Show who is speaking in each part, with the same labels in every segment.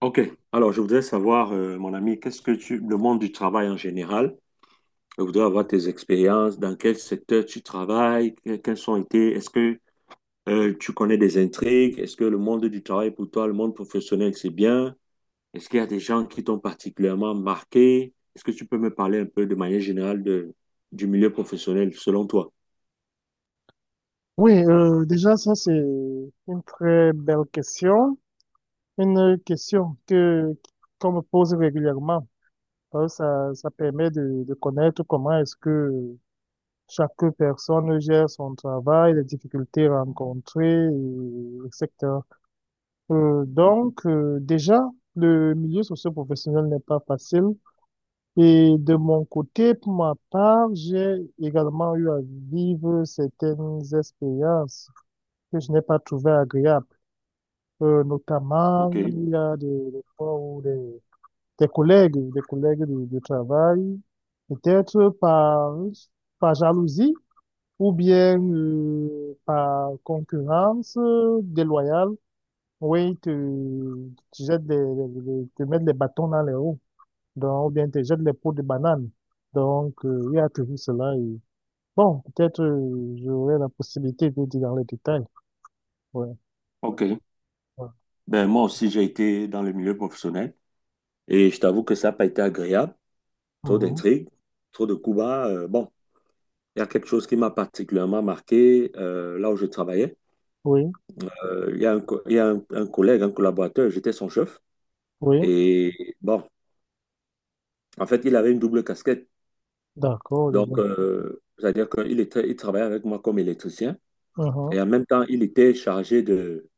Speaker 1: Ok, alors je voudrais savoir, mon ami, le monde du travail en général, je voudrais avoir tes expériences, dans quel secteur tu travailles, quelles ont été, est-ce que tu connais des intrigues, est-ce que le monde du travail pour toi, le monde professionnel, c'est bien, est-ce qu'il y a des gens qui t'ont particulièrement marqué, est-ce que tu peux me parler un peu de manière générale de, du milieu professionnel selon toi?
Speaker 2: Oui, déjà, ça, c'est une très belle question. Une qu'on me pose régulièrement. Ça permet de connaître comment est-ce que chaque personne gère son travail, les difficultés rencontrées, etc. Déjà, le milieu socio-professionnel n'est pas facile. Et de mon côté, pour ma part, j'ai également eu à vivre certaines expériences que je n'ai pas trouvées agréables. Notamment,
Speaker 1: Ok,
Speaker 2: il y a des fois où des collègues de travail, peut-être par, par jalousie ou bien par concurrence déloyale, oui, te jettent te mettent les bâtons dans les roues, donc, ou bien te jettent les peaux de banane. Donc, il y a toujours cela. Et, bon, peut-être j'aurai la possibilité de dire dans les détails. Ouais,
Speaker 1: ok.
Speaker 2: ouais.
Speaker 1: Ben moi aussi, j'ai été dans le milieu professionnel et je t'avoue que ça n'a pas été agréable. Trop
Speaker 2: Mhm.
Speaker 1: d'intrigues, trop de coups bas. Bon, il y a quelque chose qui m'a particulièrement marqué là où je travaillais.
Speaker 2: Oui,
Speaker 1: Il y a un, co- il y a un collègue, un collaborateur, j'étais son chef.
Speaker 2: oui,
Speaker 1: Et bon, en fait, il avait une double casquette.
Speaker 2: d'accord, je
Speaker 1: Donc,
Speaker 2: vois.
Speaker 1: c'est-à-dire qu'il était, il travaillait avec moi comme électricien.
Speaker 2: Mhm.
Speaker 1: Et en même temps, il était chargé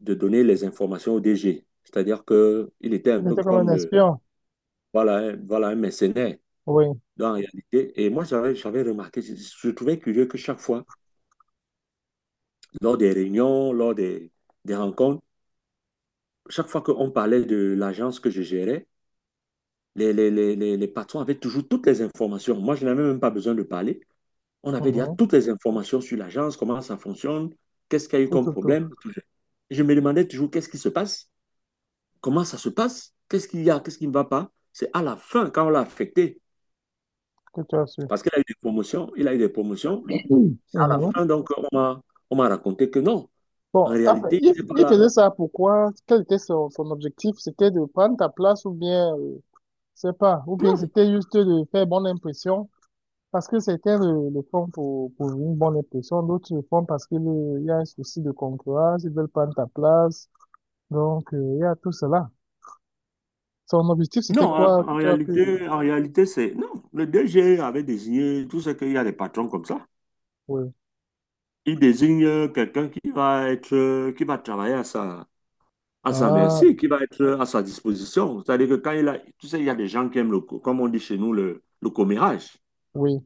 Speaker 1: de donner les informations au DG. C'est-à-dire qu'il était un
Speaker 2: Il
Speaker 1: peu
Speaker 2: était comme
Speaker 1: comme
Speaker 2: un
Speaker 1: le,
Speaker 2: espion.
Speaker 1: voilà, voilà un mercenaire
Speaker 2: Oui.
Speaker 1: dans la réalité. Et moi, j'avais remarqué, je trouvais curieux que chaque fois, lors des réunions, lors des rencontres, chaque fois qu'on parlait de l'agence que je gérais, les patrons avaient toujours toutes les informations. Moi, je n'avais même pas besoin de parler. On avait déjà
Speaker 2: Uhum.
Speaker 1: toutes les informations sur l'agence, comment ça fonctionne, qu'est-ce qu'il y a eu
Speaker 2: Tout,
Speaker 1: comme
Speaker 2: tout, tout.
Speaker 1: problème. Je me demandais toujours qu'est-ce qui se passe, comment ça se passe, qu'est-ce qu'il y a, qu'est-ce qui ne va pas. C'est à la fin, quand on l'a affecté,
Speaker 2: Que tu as su.
Speaker 1: parce qu'il a eu des promotions, il a eu des promotions. Bon, c'est à la
Speaker 2: Uhum.
Speaker 1: fin, donc, on m'a raconté que non, en
Speaker 2: Bon, après,
Speaker 1: réalité, il n'était pas
Speaker 2: il
Speaker 1: là.
Speaker 2: faisait ça pourquoi? Quel était son objectif? C'était de prendre ta place ou bien, je sais pas, ou bien
Speaker 1: Non.
Speaker 2: c'était juste de faire bonne impression parce que certains le font pour une bonne impression, d'autres le font parce qu'il il y a un souci de concurrence, ils veulent prendre ta place. Donc, il y a tout cela. Son objectif, c'était
Speaker 1: Non,
Speaker 2: quoi? Tu as pu...
Speaker 1: en réalité, c'est... Non, le DG avait désigné, tout ce qu'il y a des patrons comme ça.
Speaker 2: Oui.
Speaker 1: Il désigne quelqu'un qui va être, qui va travailler à sa
Speaker 2: Ah,
Speaker 1: merci, qui va être à sa disposition. C'est-à-dire que quand il a, tu sais, il y a des gens qui aiment comme on dit chez nous, le commérage.
Speaker 2: oui,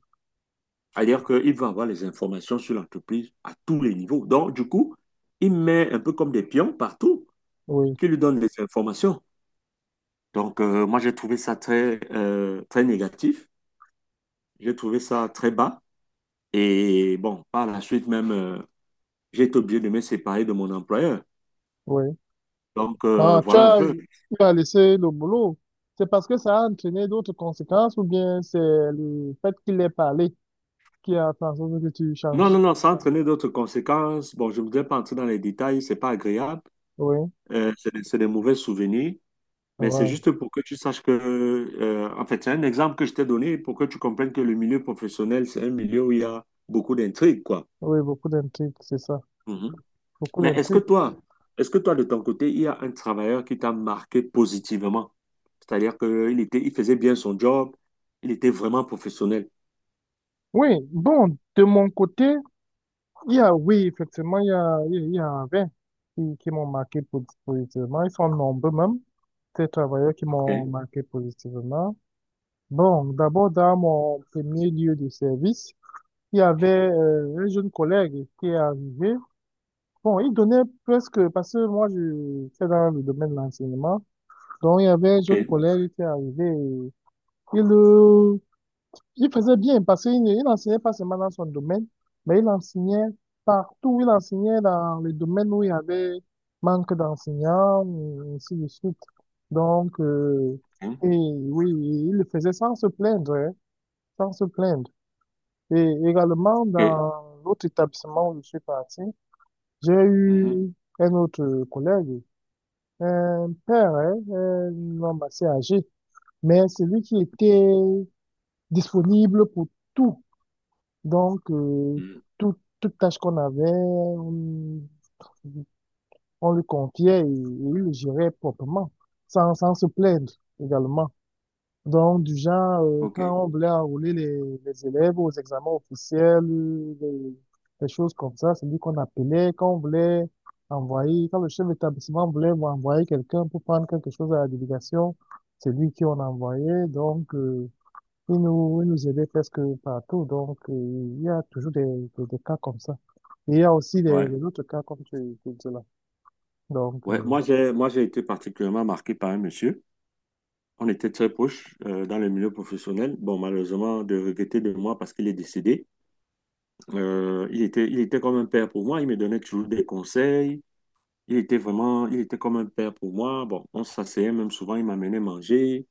Speaker 1: C'est-à-dire qu'il va avoir les informations sur l'entreprise à tous les niveaux. Donc, du coup, il met un peu comme des pions partout
Speaker 2: oui,
Speaker 1: qui lui donnent les informations. Donc, moi, j'ai trouvé ça très négatif. J'ai trouvé ça très bas. Et bon, par la suite même, j'ai été obligé de me séparer de mon employeur.
Speaker 2: oui.
Speaker 1: Donc,
Speaker 2: Quand
Speaker 1: voilà un peu.
Speaker 2: tu as laissé le boulot, c'est parce que ça a entraîné d'autres conséquences ou bien c'est le fait qu'il ait parlé qui a fait en sorte que tu
Speaker 1: Non,
Speaker 2: changes.
Speaker 1: non, non, ça a entraîné d'autres conséquences. Bon, je ne voudrais pas entrer dans les détails, c'est pas agréable.
Speaker 2: Oui,
Speaker 1: C'est des c'est des mauvais souvenirs. Mais c'est
Speaker 2: ouais.
Speaker 1: juste pour que tu saches que, en fait, c'est un exemple que je t'ai donné pour que tu comprennes que le milieu professionnel, c'est un milieu où il y a beaucoup d'intrigues, quoi.
Speaker 2: Oui, beaucoup d'intrigues, c'est ça.
Speaker 1: Mhm.
Speaker 2: Beaucoup
Speaker 1: Mais
Speaker 2: d'intrigues.
Speaker 1: est-ce que toi, de ton côté, il y a un travailleur qui t'a marqué positivement? C'est-à-dire qu'il était, il faisait bien son job, il était vraiment professionnel.
Speaker 2: Oui, bon, de mon côté, il y a, oui, effectivement, il y a 20 qui m'ont marqué positivement. Ils sont nombreux même, ces travailleurs qui
Speaker 1: Ok,
Speaker 2: m'ont marqué positivement. Bon, d'abord, dans mon premier lieu de service, il y avait un jeune collègue qui est arrivé. Bon, il donnait presque, parce que moi, je c'est dans le domaine de l'enseignement. Donc, il y avait un
Speaker 1: ok,
Speaker 2: jeune collègue qui est arrivé. Et il, il faisait bien, parce qu'il n'enseignait pas seulement dans son domaine, mais il enseignait partout. Il enseignait dans les domaines où il y avait manque d'enseignants, et ainsi de suite. Donc, euh,
Speaker 1: hein,
Speaker 2: et oui, il le faisait sans se plaindre, hein, sans se plaindre. Et également,
Speaker 1: ok,
Speaker 2: dans l'autre établissement où je suis parti, j'ai
Speaker 1: mhm,
Speaker 2: eu un autre collègue, un père, hein, un homme assez âgé, mais c'est lui qui était disponible pour tout. Donc,
Speaker 1: mhm,
Speaker 2: tout- toute tâche qu'on avait, on lui confiait et il le gérait proprement, sans, sans se plaindre également. Donc, du genre,
Speaker 1: ok,
Speaker 2: quand on voulait enrôler les élèves aux examens officiels, les, les choses comme ça, c'est lui qu'on appelait, quand on voulait envoyer, quand le chef d'établissement voulait envoyer quelqu'un pour prendre quelque chose à la délégation, c'est lui qui on envoyait. Donc, il nous aidait presque partout. Donc, il y a toujours des cas comme ça. Et il y a aussi
Speaker 1: ouais.
Speaker 2: des autres cas comme tu dis là. Donc,
Speaker 1: Ouais, moi, j'ai été particulièrement marqué par un monsieur. On était très proches dans le milieu professionnel. Bon, malheureusement, de regretter de moi parce qu'il est décédé. Il était comme un père pour moi. Il me donnait toujours des conseils. Il était vraiment, il était comme un père pour moi. Bon, on s'asseyait même souvent, il m'amenait manger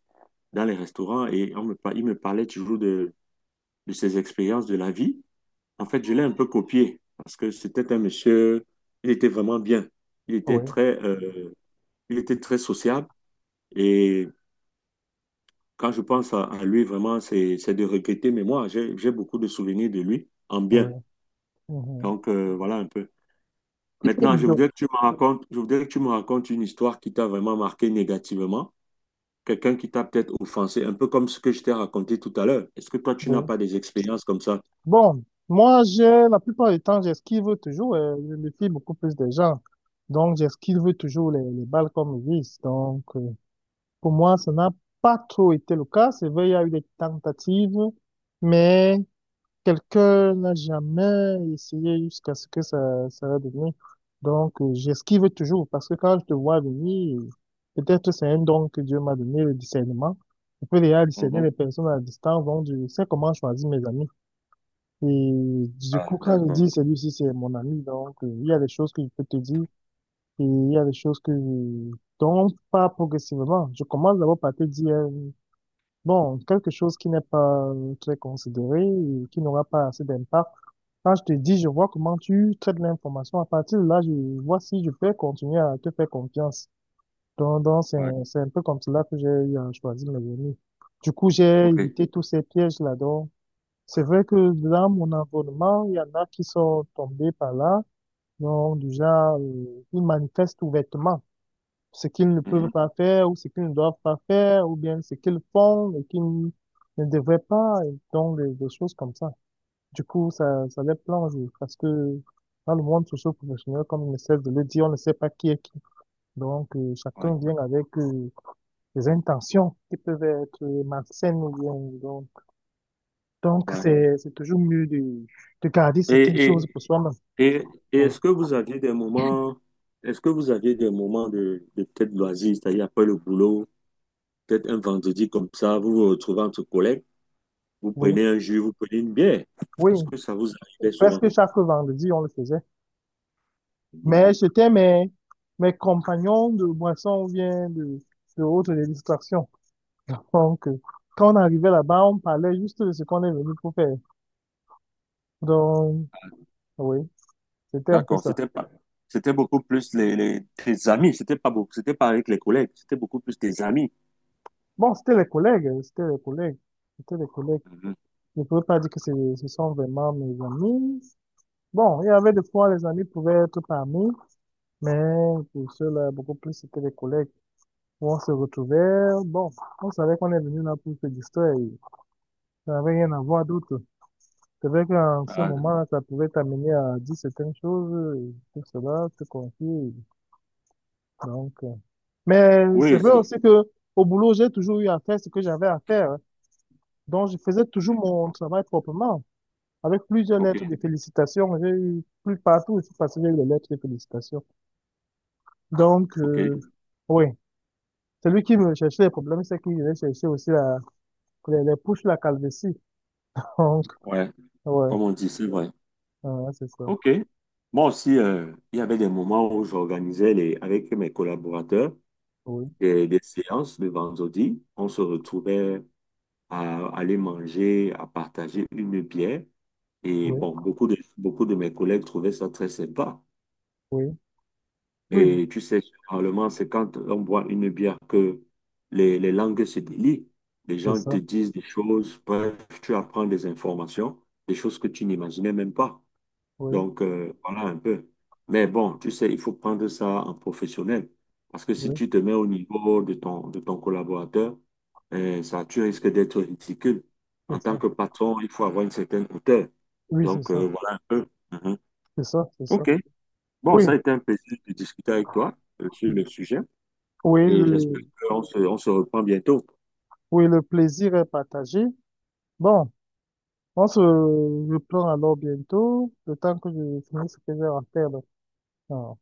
Speaker 1: dans les restaurants et on me, il me parlait toujours de ses expériences de la vie. En fait, je l'ai un peu copié parce que c'était un monsieur, il était vraiment bien. Il était
Speaker 2: ouais
Speaker 1: il était très sociable et quand je pense à lui, vraiment, c'est de regretter, mais moi, j'ai beaucoup de souvenirs de lui en bien.
Speaker 2: oui. Mhm.
Speaker 1: Donc, voilà un peu. Maintenant, je
Speaker 2: Donc,
Speaker 1: voudrais que tu me racontes, je voudrais que tu me racontes une histoire qui t'a vraiment marqué négativement quelqu'un qui t'a peut-être offensé, un peu comme ce que je t'ai raconté tout à l'heure. Est-ce que toi, tu n'as
Speaker 2: oui.
Speaker 1: pas des expériences comme ça?
Speaker 2: Bon, moi, j'ai, la plupart du temps, j'esquive toujours, je me fie beaucoup plus des gens. Donc, j'esquive toujours les balles comme ils disent. Donc, pour moi, ça n'a pas trop été le cas. C'est vrai, il y a eu des tentatives, mais quelqu'un n'a jamais essayé jusqu'à ce que ça va devenir. Donc, j'esquive toujours parce que quand je te vois venir, peut-être c'est un don que Dieu m'a donné, le discernement. Je peux déjà discerner
Speaker 1: Mhm.
Speaker 2: les personnes à distance, donc je sais comment choisir mes amis. Et du
Speaker 1: Ah,
Speaker 2: coup, quand je
Speaker 1: d'accord.
Speaker 2: dis celui-ci, c'est mon ami, donc il y a des choses que je peux te dire et il y a des choses que je... dont pas progressivement. Je commence d'abord par te dire, bon, quelque chose qui n'est pas très considéré, et qui n'aura pas assez d'impact. Quand je te dis, je vois comment tu traites l'information, à partir de là, je vois si je peux continuer à te faire confiance. Donc,
Speaker 1: Ouais.
Speaker 2: c'est un peu comme cela que j'ai choisi mes amis. Du coup, j'ai
Speaker 1: OK.
Speaker 2: évité tous ces pièges-là, donc. C'est vrai que dans mon environnement, il y en a qui sont tombés par là, donc déjà, ils manifestent ouvertement ce qu'ils ne peuvent
Speaker 1: Mhm.
Speaker 2: pas faire ou ce qu'ils ne doivent pas faire ou bien ce qu'ils font et qu'ils ne devraient pas, et donc des choses comme ça. Du coup, ça les plonge parce que dans le monde socio-professionnel, comme on essaie de le dire, on ne sait pas qui est qui. Donc,
Speaker 1: Ouais.
Speaker 2: chacun vient avec des intentions qui peuvent être malsaines ou bien donc, donc,
Speaker 1: Ouais.
Speaker 2: c'est toujours mieux de garder certaines
Speaker 1: Et,
Speaker 2: choses
Speaker 1: et,
Speaker 2: pour soi-même.
Speaker 1: et
Speaker 2: Oui,
Speaker 1: est-ce que vous aviez des moments, est-ce que vous aviez des moments de peut-être loisirs, c'est-à-dire après le boulot, peut-être un vendredi comme ça, vous vous retrouvez entre collègues? Vous
Speaker 2: oui,
Speaker 1: prenez un jus, vous prenez une bière.
Speaker 2: oui.
Speaker 1: Est-ce que ça vous arrivait souvent?
Speaker 2: Presque chaque vendredi, on le faisait.
Speaker 1: Non.
Speaker 2: Mais c'était mes compagnons de boisson ou bien de autres distractions. Donc, quand on arrivait là-bas, on parlait juste de ce qu'on est venu pour faire. Donc, oui, c'était un peu
Speaker 1: D'accord,
Speaker 2: ça.
Speaker 1: c'était pas, c'était beaucoup plus tes amis, c'était pas beaucoup, c'était pas avec les collègues, c'était beaucoup plus tes amis.
Speaker 2: Bon, c'était les collègues.
Speaker 1: Mhm.
Speaker 2: Je ne peux pas dire que ce sont vraiment mes amis. Bon, il y avait des fois, les amis pouvaient être parmi, mais pour ceux-là, beaucoup plus, c'était des collègues où on se retrouvait. Bon, on savait qu'on est venu là pour se distraire. Et ça n'avait rien à voir d'autre. C'est vrai qu'en ce
Speaker 1: Ah,
Speaker 2: moment, ça pouvait t'amener à dire certaines choses, et tout cela, te confier. Donc, mais c'est
Speaker 1: oui,
Speaker 2: vrai
Speaker 1: c'est,
Speaker 2: aussi que au boulot, j'ai toujours eu à faire ce que j'avais à faire, hein. Donc, je faisais toujours mon travail proprement. Avec plusieurs lettres de
Speaker 1: ok,
Speaker 2: félicitations, j'ai eu plus partout, je suis passé, j'ai eu les lettres de félicitations. Donc,
Speaker 1: ok,
Speaker 2: oui. Celui qui me cherchait les problèmes, c'est qu'il venait chercher aussi les pousses, la calvitie. Donc,
Speaker 1: ouais,
Speaker 2: ouais,
Speaker 1: comme on dit, c'est vrai.
Speaker 2: ah, c'est ça.
Speaker 1: Ok. Moi aussi, il y avait des moments où j'organisais les, avec mes collaborateurs
Speaker 2: Oui,
Speaker 1: des séances le vendredi. On se retrouvait à aller manger, à partager une bière. Et
Speaker 2: oui,
Speaker 1: bon, beaucoup de mes collègues trouvaient ça très sympa.
Speaker 2: oui, oui,
Speaker 1: Et tu sais, généralement, c'est quand on boit une bière que les langues se délient. Les
Speaker 2: c'est
Speaker 1: gens te
Speaker 2: ça.
Speaker 1: disent des choses, bref, tu apprends des informations, des choses que tu n'imaginais même pas.
Speaker 2: Oui,
Speaker 1: Donc, voilà un peu. Mais bon, tu sais, il faut prendre ça en professionnel. Parce que si
Speaker 2: oui,
Speaker 1: tu te mets au niveau de de ton collaborateur, tu risques d'être ridicule. En
Speaker 2: c'est
Speaker 1: tant
Speaker 2: ça.
Speaker 1: que patron, il faut avoir une certaine hauteur.
Speaker 2: Oui, c'est
Speaker 1: Donc,
Speaker 2: ça.
Speaker 1: voilà un peu. Mhm.
Speaker 2: C'est ça, c'est ça.
Speaker 1: OK. Bon,
Speaker 2: Oui,
Speaker 1: ça a été un plaisir de discuter avec toi sur le sujet
Speaker 2: oui,
Speaker 1: et j'espère
Speaker 2: le,
Speaker 1: qu'on se, on se reprend bientôt.
Speaker 2: oui, le plaisir est partagé. Bon, on se reprend alors bientôt, le temps que je finisse ce que j'ai à faire là. Ah.